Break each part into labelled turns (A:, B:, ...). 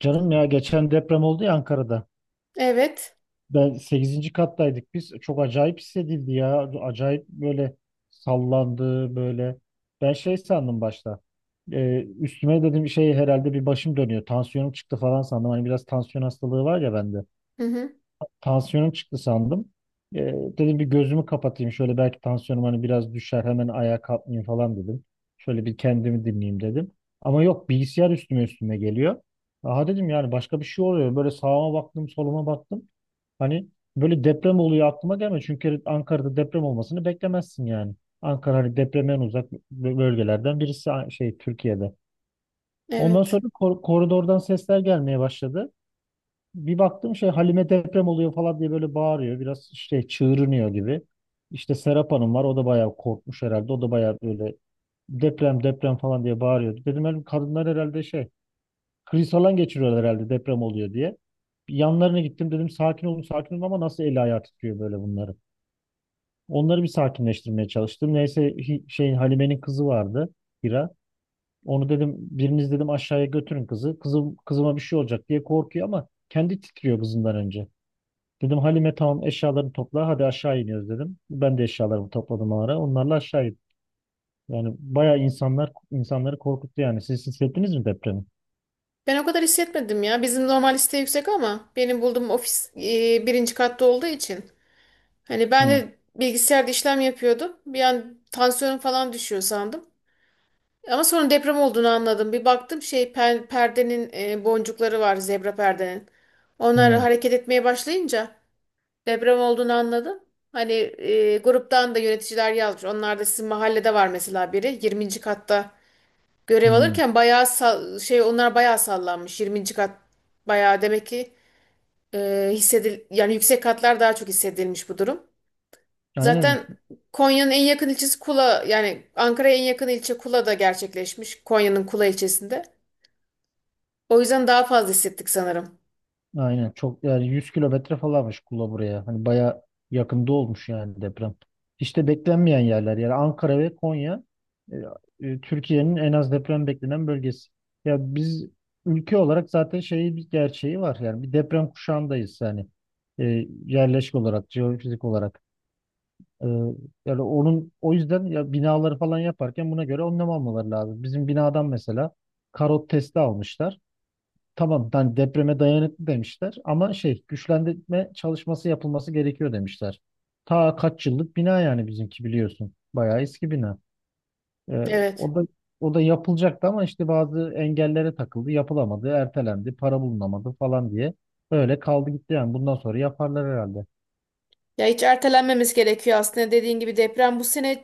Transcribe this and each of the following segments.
A: Canım ya geçen deprem oldu ya Ankara'da.
B: Evet.
A: Ben sekizinci kattaydık biz. Çok acayip hissedildi ya. Acayip böyle sallandı böyle. Ben şey sandım başta. Üstüme dedim şey herhalde bir başım dönüyor. Tansiyonum çıktı falan sandım. Hani biraz tansiyon hastalığı var ya bende.
B: Hı hı.
A: Tansiyonum çıktı sandım. Ee, dedim bir gözümü kapatayım şöyle belki tansiyonum hani biraz düşer hemen ayağa kalkmayayım falan dedim. Şöyle bir kendimi dinleyeyim dedim. Ama yok, bilgisayar üstüme üstüme geliyor. Aha dedim, yani başka bir şey oluyor. Böyle sağıma baktım, soluma baktım. Hani böyle deprem oluyor aklıma gelmiyor. Çünkü Ankara'da deprem olmasını beklemezsin yani. Ankara hani depremden uzak bölgelerden birisi, şey, Türkiye'de. Ondan
B: Evet.
A: sonra koridordan sesler gelmeye başladı, bir baktım şey, Halime deprem oluyor falan diye böyle bağırıyor. Biraz işte çığırınıyor gibi. İşte Serap Hanım var. O da bayağı korkmuş herhalde. O da bayağı böyle deprem deprem falan diye bağırıyordu. Dedim, "Oğlum kadınlar herhalde şey kriz falan geçiriyorlar herhalde deprem oluyor diye. Bir yanlarına gittim dedim sakin olun sakin olun, ama nasıl eli ayağı titriyor böyle bunları. Onları bir sakinleştirmeye çalıştım. Neyse, şey, Halime'nin kızı vardı, Hira. Onu dedim biriniz dedim aşağıya götürün kızı. Kızım kızıma bir şey olacak diye korkuyor, ama kendi titriyor kızından önce. Dedim Halime tamam eşyalarını topla, hadi aşağı iniyoruz dedim. Ben de eşyalarımı topladım o ara. Onlarla aşağı indim. Yani bayağı insanlar insanları korkuttu yani. Siz hissettiniz mi depremi?
B: Ben o kadar hissetmedim ya. Bizim normal liste yüksek ama benim bulduğum ofis birinci katta olduğu için. Hani ben
A: Hı,
B: de bilgisayarda işlem yapıyordum. Bir an tansiyonum falan düşüyor sandım. Ama sonra deprem olduğunu anladım. Bir baktım şey perdenin boncukları var zebra perdenin. Onlar
A: hı,
B: hareket etmeye başlayınca deprem olduğunu anladım. Hani gruptan da yöneticiler yazmış. Onlar da sizin mahallede var mesela biri. 20'nci katta görev
A: hı.
B: alırken bayağı onlar bayağı sallanmış. 20. kat bayağı demek ki yani yüksek katlar daha çok hissedilmiş bu durum.
A: Aynen,
B: Zaten Konya'nın en yakın ilçesi Kula yani Ankara'ya en yakın ilçe Kula'da gerçekleşmiş. Konya'nın Kula ilçesinde. O yüzden daha fazla hissettik sanırım.
A: aynen. Çok yani 100 kilometre falanmış Kula buraya. Hani baya yakında olmuş yani deprem. İşte beklenmeyen yerler, yani Ankara ve Konya, e, Türkiye'nin en az deprem beklenen bölgesi. Ya biz ülke olarak zaten şeyi, bir gerçeği var, yani bir deprem kuşağındayız yani, e, yerleşik olarak, jeofizik olarak. E, yani onun, o yüzden ya binaları falan yaparken buna göre önlem almaları lazım. Bizim binadan mesela karot testi almışlar. Tamam, yani depreme dayanıklı demişler, ama şey, güçlendirme çalışması yapılması gerekiyor demişler. Ta kaç yıllık bina, yani bizimki biliyorsun. Bayağı eski bina. Ee,
B: Evet.
A: o da o da yapılacaktı, ama işte bazı engellere takıldı, yapılamadı, ertelendi, para bulunamadı falan diye. Öyle kaldı gitti yani. Bundan sonra yaparlar herhalde.
B: Ya hiç ertelenmemiz gerekiyor aslında. Dediğin gibi deprem bu sene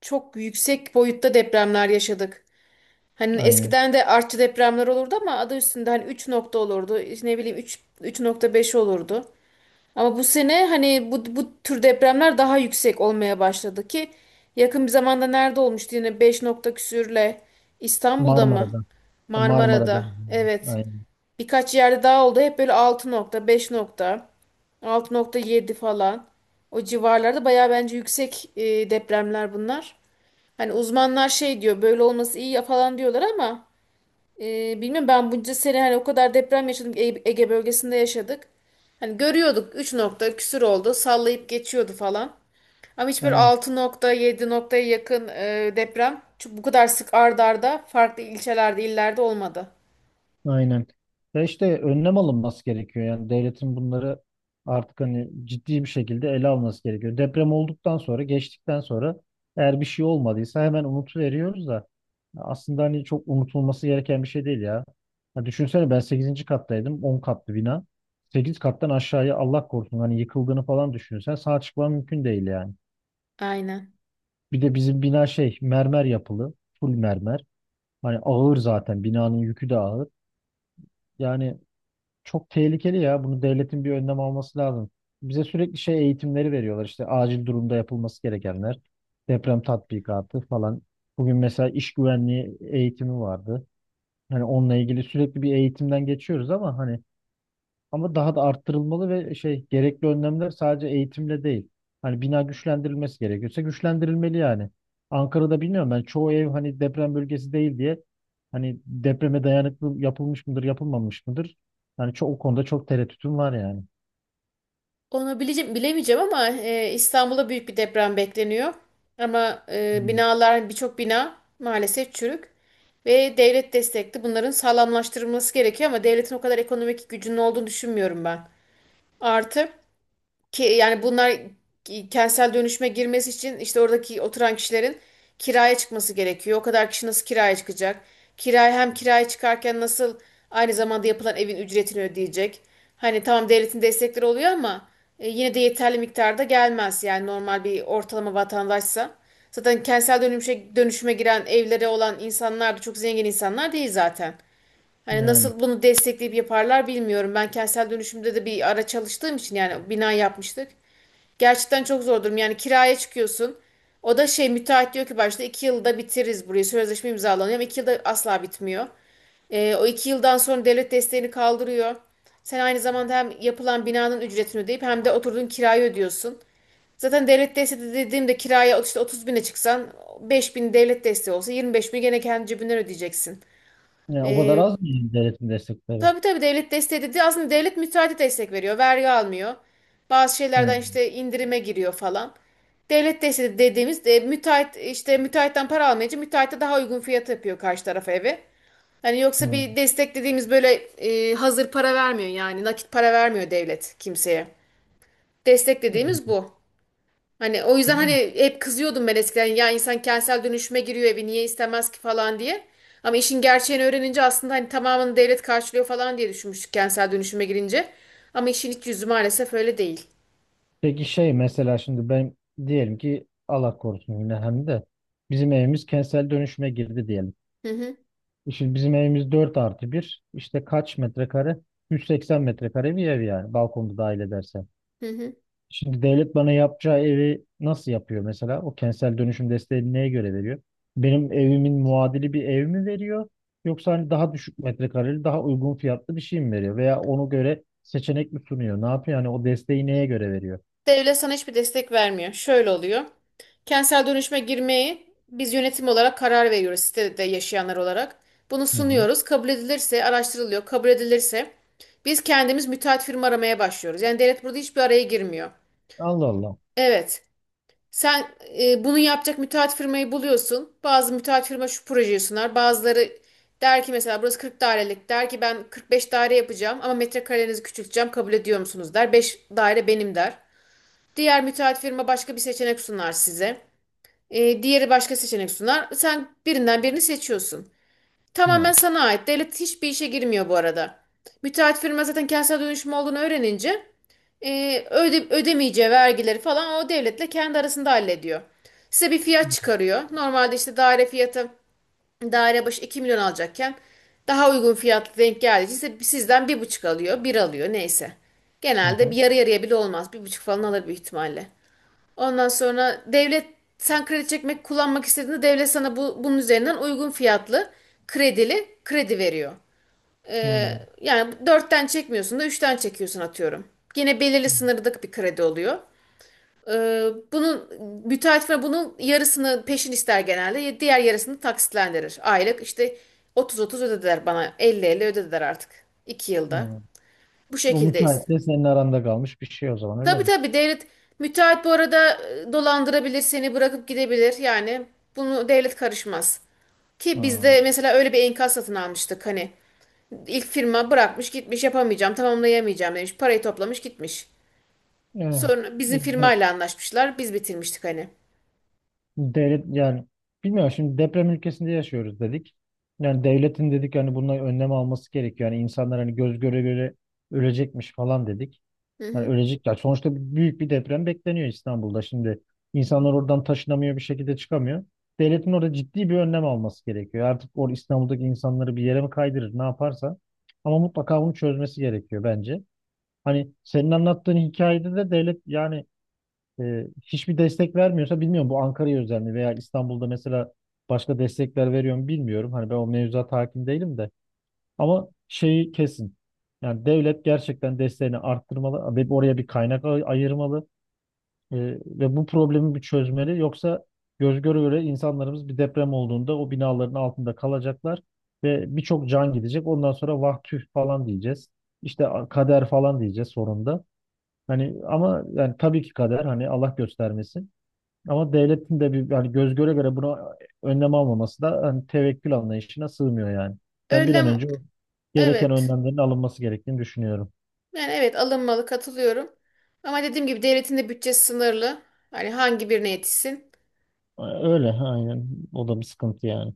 B: çok yüksek boyutta depremler yaşadık. Hani
A: Aynen.
B: eskiden de artçı depremler olurdu ama adı üstünde hani 3 nokta olurdu. İşte ne bileyim 3 3.5 olurdu. Ama bu sene hani bu tür depremler daha yüksek olmaya başladı ki yakın bir zamanda nerede olmuştu yine 5 nokta küsürle İstanbul'da mı?
A: Marmara'da. Marmara'da.
B: Marmara'da. Evet.
A: Aynen.
B: Birkaç yerde daha oldu. Hep böyle 6 nokta, 5 nokta, 6.7 falan. O civarlarda bayağı bence yüksek depremler bunlar. Hani uzmanlar şey diyor böyle olması iyi ya falan diyorlar ama bilmiyorum ben bunca sene hani o kadar deprem yaşadık Ege bölgesinde yaşadık. Hani görüyorduk 3 nokta küsür oldu sallayıp geçiyordu falan. Ama hiç böyle
A: Aynen.
B: 6 nokta 7 noktaya yakın deprem çok bu kadar sık ard arda farklı ilçelerde illerde olmadı.
A: Aynen. Ya işte önlem alınması gerekiyor. Yani devletin bunları artık hani ciddi bir şekilde ele alması gerekiyor. Deprem olduktan sonra, geçtikten sonra, eğer bir şey olmadıysa hemen unutuveriyoruz da aslında hani çok unutulması gereken bir şey değil ya. Ya düşünsene, ben sekizinci kattaydım. 10 katlı bina. 8 kattan aşağıya Allah korusun, hani yıkıldığını falan düşünürsen sağ çıkman mümkün değil yani.
B: Aynen.
A: Bir de bizim bina şey mermer yapılı. Full mermer. Hani ağır, zaten binanın yükü de ağır. Yani çok tehlikeli ya. Bunu devletin bir önlem alması lazım. Bize sürekli şey eğitimleri veriyorlar. İşte acil durumda yapılması gerekenler. Deprem tatbikatı falan. Bugün mesela iş güvenliği eğitimi vardı. Hani onunla ilgili sürekli bir eğitimden geçiyoruz, ama hani, ama daha da arttırılmalı ve şey, gerekli önlemler sadece eğitimle değil. Hani bina güçlendirilmesi gerekiyorsa güçlendirilmeli yani. Ankara'da bilmiyorum, ben çoğu ev hani deprem bölgesi değil diye hani depreme dayanıklı yapılmış mıdır yapılmamış mıdır? Yani çok, o konuda çok tereddütüm var yani.
B: Onu bileceğim, bilemeyeceğim ama İstanbul'da büyük bir deprem bekleniyor. Ama
A: Hmm.
B: binalar hani birçok bina maalesef çürük ve devlet destekli bunların sağlamlaştırılması gerekiyor ama devletin o kadar ekonomik gücünün olduğunu düşünmüyorum ben. Artı ki yani bunlar kentsel dönüşüme girmesi için işte oradaki oturan kişilerin kiraya çıkması gerekiyor. O kadar kişi nasıl kiraya çıkacak? Hem kiraya çıkarken nasıl aynı zamanda yapılan evin ücretini ödeyecek? Hani tamam devletin destekleri oluyor ama yine de yeterli miktarda gelmez yani normal bir ortalama vatandaşsa. Zaten kentsel dönüşüme giren evlere olan insanlar da çok zengin insanlar değil zaten. Hani
A: Yani,
B: nasıl bunu destekleyip yaparlar bilmiyorum. Ben kentsel dönüşümde de bir ara çalıştığım için yani bina yapmıştık. Gerçekten çok zor durum. Yani kiraya çıkıyorsun. O da şey müteahhit diyor ki başta 2 yılda bitiririz burayı. Sözleşme imzalanıyor ama 2 yılda asla bitmiyor. O 2 yıldan sonra devlet desteğini kaldırıyor. Sen aynı zamanda hem yapılan binanın ücretini ödeyip hem de oturduğun kirayı ödüyorsun. Zaten devlet desteği de dediğimde kiraya işte 30 bine çıksan 5 bin devlet desteği olsa 25 bin gene kendi cebinden ödeyeceksin.
A: yani o kadar
B: Ee,
A: az mı yani devletin destekleri?
B: Tabii tabii devlet desteği dedi. Aslında devlet müteahhite destek veriyor. Vergi almıyor. Bazı şeylerden
A: Hmm.
B: işte indirime giriyor falan. Devlet desteği dediğimiz müteahhit işte müteahhitten para almayınca müteahhite daha uygun fiyat yapıyor karşı tarafa evi. Hani yoksa
A: Hmm.
B: bir destek dediğimiz böyle hazır para vermiyor yani nakit para vermiyor devlet kimseye. Destek dediğimiz bu. Hani o yüzden hani
A: Yani
B: hep kızıyordum ben eskiden ya insan kentsel dönüşüme giriyor evi niye istemez ki falan diye. Ama işin gerçeğini öğrenince aslında hani tamamını devlet karşılıyor falan diye düşünmüştük kentsel dönüşüme girince. Ama işin iç yüzü maalesef öyle değil.
A: peki şey mesela şimdi ben diyelim ki, Allah korusun yine, hem de bizim evimiz kentsel dönüşüme girdi diyelim.
B: Hı hı,
A: Şimdi bizim evimiz 4+1. İşte kaç metrekare? 180 metrekare bir ev yani balkonu dahil edersen.
B: hı hı.
A: Şimdi devlet bana yapacağı evi nasıl yapıyor mesela? O kentsel dönüşüm desteğini neye göre veriyor? Benim evimin muadili bir ev mi veriyor? Yoksa hani daha düşük metrekareli, daha uygun fiyatlı bir şey mi veriyor? Veya ona göre seçenek mi sunuyor? Ne yapıyor? Yani o desteği neye göre veriyor?
B: Devlet sana hiçbir destek vermiyor. Şöyle oluyor. Kentsel dönüşüme girmeyi biz yönetim olarak karar veriyoruz sitede yaşayanlar olarak. Bunu
A: Hı hı.
B: sunuyoruz. Kabul edilirse araştırılıyor. Kabul edilirse biz kendimiz müteahhit firma aramaya başlıyoruz. Yani devlet burada hiçbir araya girmiyor.
A: Allah Allah.
B: Evet. Sen bunu yapacak müteahhit firmayı buluyorsun. Bazı müteahhit firma şu projeyi sunar. Bazıları der ki mesela burası 40 dairelik. Der ki ben 45 daire yapacağım ama metrekarelerinizi küçülteceğim. Kabul ediyor musunuz der. 5 daire benim der. Diğer müteahhit firma başka bir seçenek sunar size. Diğeri başka seçenek sunar. Sen birinden birini seçiyorsun. Tamamen
A: Hı.
B: sana ait. Devlet hiçbir işe girmiyor bu arada. Müteahhit firma zaten kentsel dönüşüm olduğunu öğrenince ödemeyeceği vergileri falan o devletle kendi arasında hallediyor. Size bir fiyat çıkarıyor. Normalde işte daire fiyatı daire başı 2 milyon alacakken daha uygun fiyat denk geldiği için sizden bir buçuk alıyor, bir alıyor neyse.
A: Hı
B: Genelde bir
A: hı.
B: yarı yarıya bile olmaz. 1,5 falan alır büyük ihtimalle. Ondan sonra devlet sen kredi çekmek kullanmak istediğinde devlet sana bunun üzerinden uygun fiyatlı kredili kredi veriyor.
A: Hı.
B: Yani dörtten çekmiyorsun da üçten çekiyorsun atıyorum. Yine belirli sınırlık bir kredi oluyor. Bunun müteahhit firma bunun yarısını peşin ister genelde. Diğer yarısını taksitlendirir. Aylık işte 30-30 ödediler bana. 50-50 ödediler artık. 2 yılda.
A: Hı.
B: Bu
A: O
B: şekildeyiz.
A: müteahhitle senin aranda kalmış bir şey o zaman, öyle
B: Tabii
A: mi?
B: tabii devlet müteahhit bu arada dolandırabilir seni bırakıp gidebilir. Yani bunu devlet karışmaz. Ki
A: Hı.
B: bizde mesela öyle bir enkaz satın almıştık hani. İlk firma bırakmış gitmiş yapamayacağım tamamlayamayacağım demiş. Parayı toplamış gitmiş.
A: Evet.
B: Sonra bizim
A: De-
B: firmayla anlaşmışlar. Biz bitirmiştik hani.
A: Devlet yani, bilmiyorum, şimdi deprem ülkesinde yaşıyoruz dedik. Yani devletin dedik yani bununla önlem alması gerekiyor. Yani insanlar hani göz göre göre ölecekmiş falan dedik.
B: Hı
A: Yani
B: hı.
A: ölecekler. Sonuçta büyük bir deprem bekleniyor İstanbul'da. Şimdi insanlar oradan taşınamıyor, bir şekilde çıkamıyor. Devletin orada ciddi bir önlem alması gerekiyor. Artık İstanbul'daki insanları bir yere mi kaydırır, ne yaparsa. Ama mutlaka bunu çözmesi gerekiyor bence. Hani senin anlattığın hikayede de devlet yani, hiçbir destek vermiyorsa, bilmiyorum bu Ankara'ya özel mi veya İstanbul'da mesela başka destekler veriyor mu bilmiyorum. Hani ben o mevzuata hakim değilim de, ama şeyi kesin. Yani devlet gerçekten desteğini arttırmalı ve oraya bir kaynak ayırmalı e, ve bu problemi bir çözmeli. Yoksa göz göre göre insanlarımız bir deprem olduğunda o binaların altında kalacaklar ve birçok can gidecek. Ondan sonra vah tüh falan diyeceğiz. İşte kader falan diyeceğiz sonunda. Hani ama yani tabii ki kader, hani Allah göstermesin. Ama devletin de bir hani göz göre göre buna önlem almaması da hani tevekkül anlayışına sığmıyor yani. Ben bir an
B: Önlem
A: önce o gereken
B: evet.
A: önlemlerin alınması gerektiğini düşünüyorum.
B: Yani evet alınmalı katılıyorum. Ama dediğim gibi devletin de bütçesi sınırlı. Hani hangi birine yetişsin.
A: Öyle aynen. O da bir sıkıntı yani.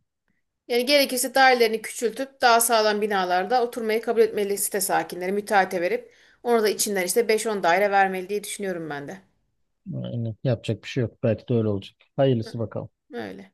B: Yani gerekirse dairelerini küçültüp daha sağlam binalarda oturmayı kabul etmeli site sakinleri müteahhite verip ona da içinden işte beş on daire vermeli diye düşünüyorum ben de.
A: Aynen. Yapacak bir şey yok. Belki de öyle olacak. Hayırlısı
B: Hı.
A: bakalım.
B: Öyle.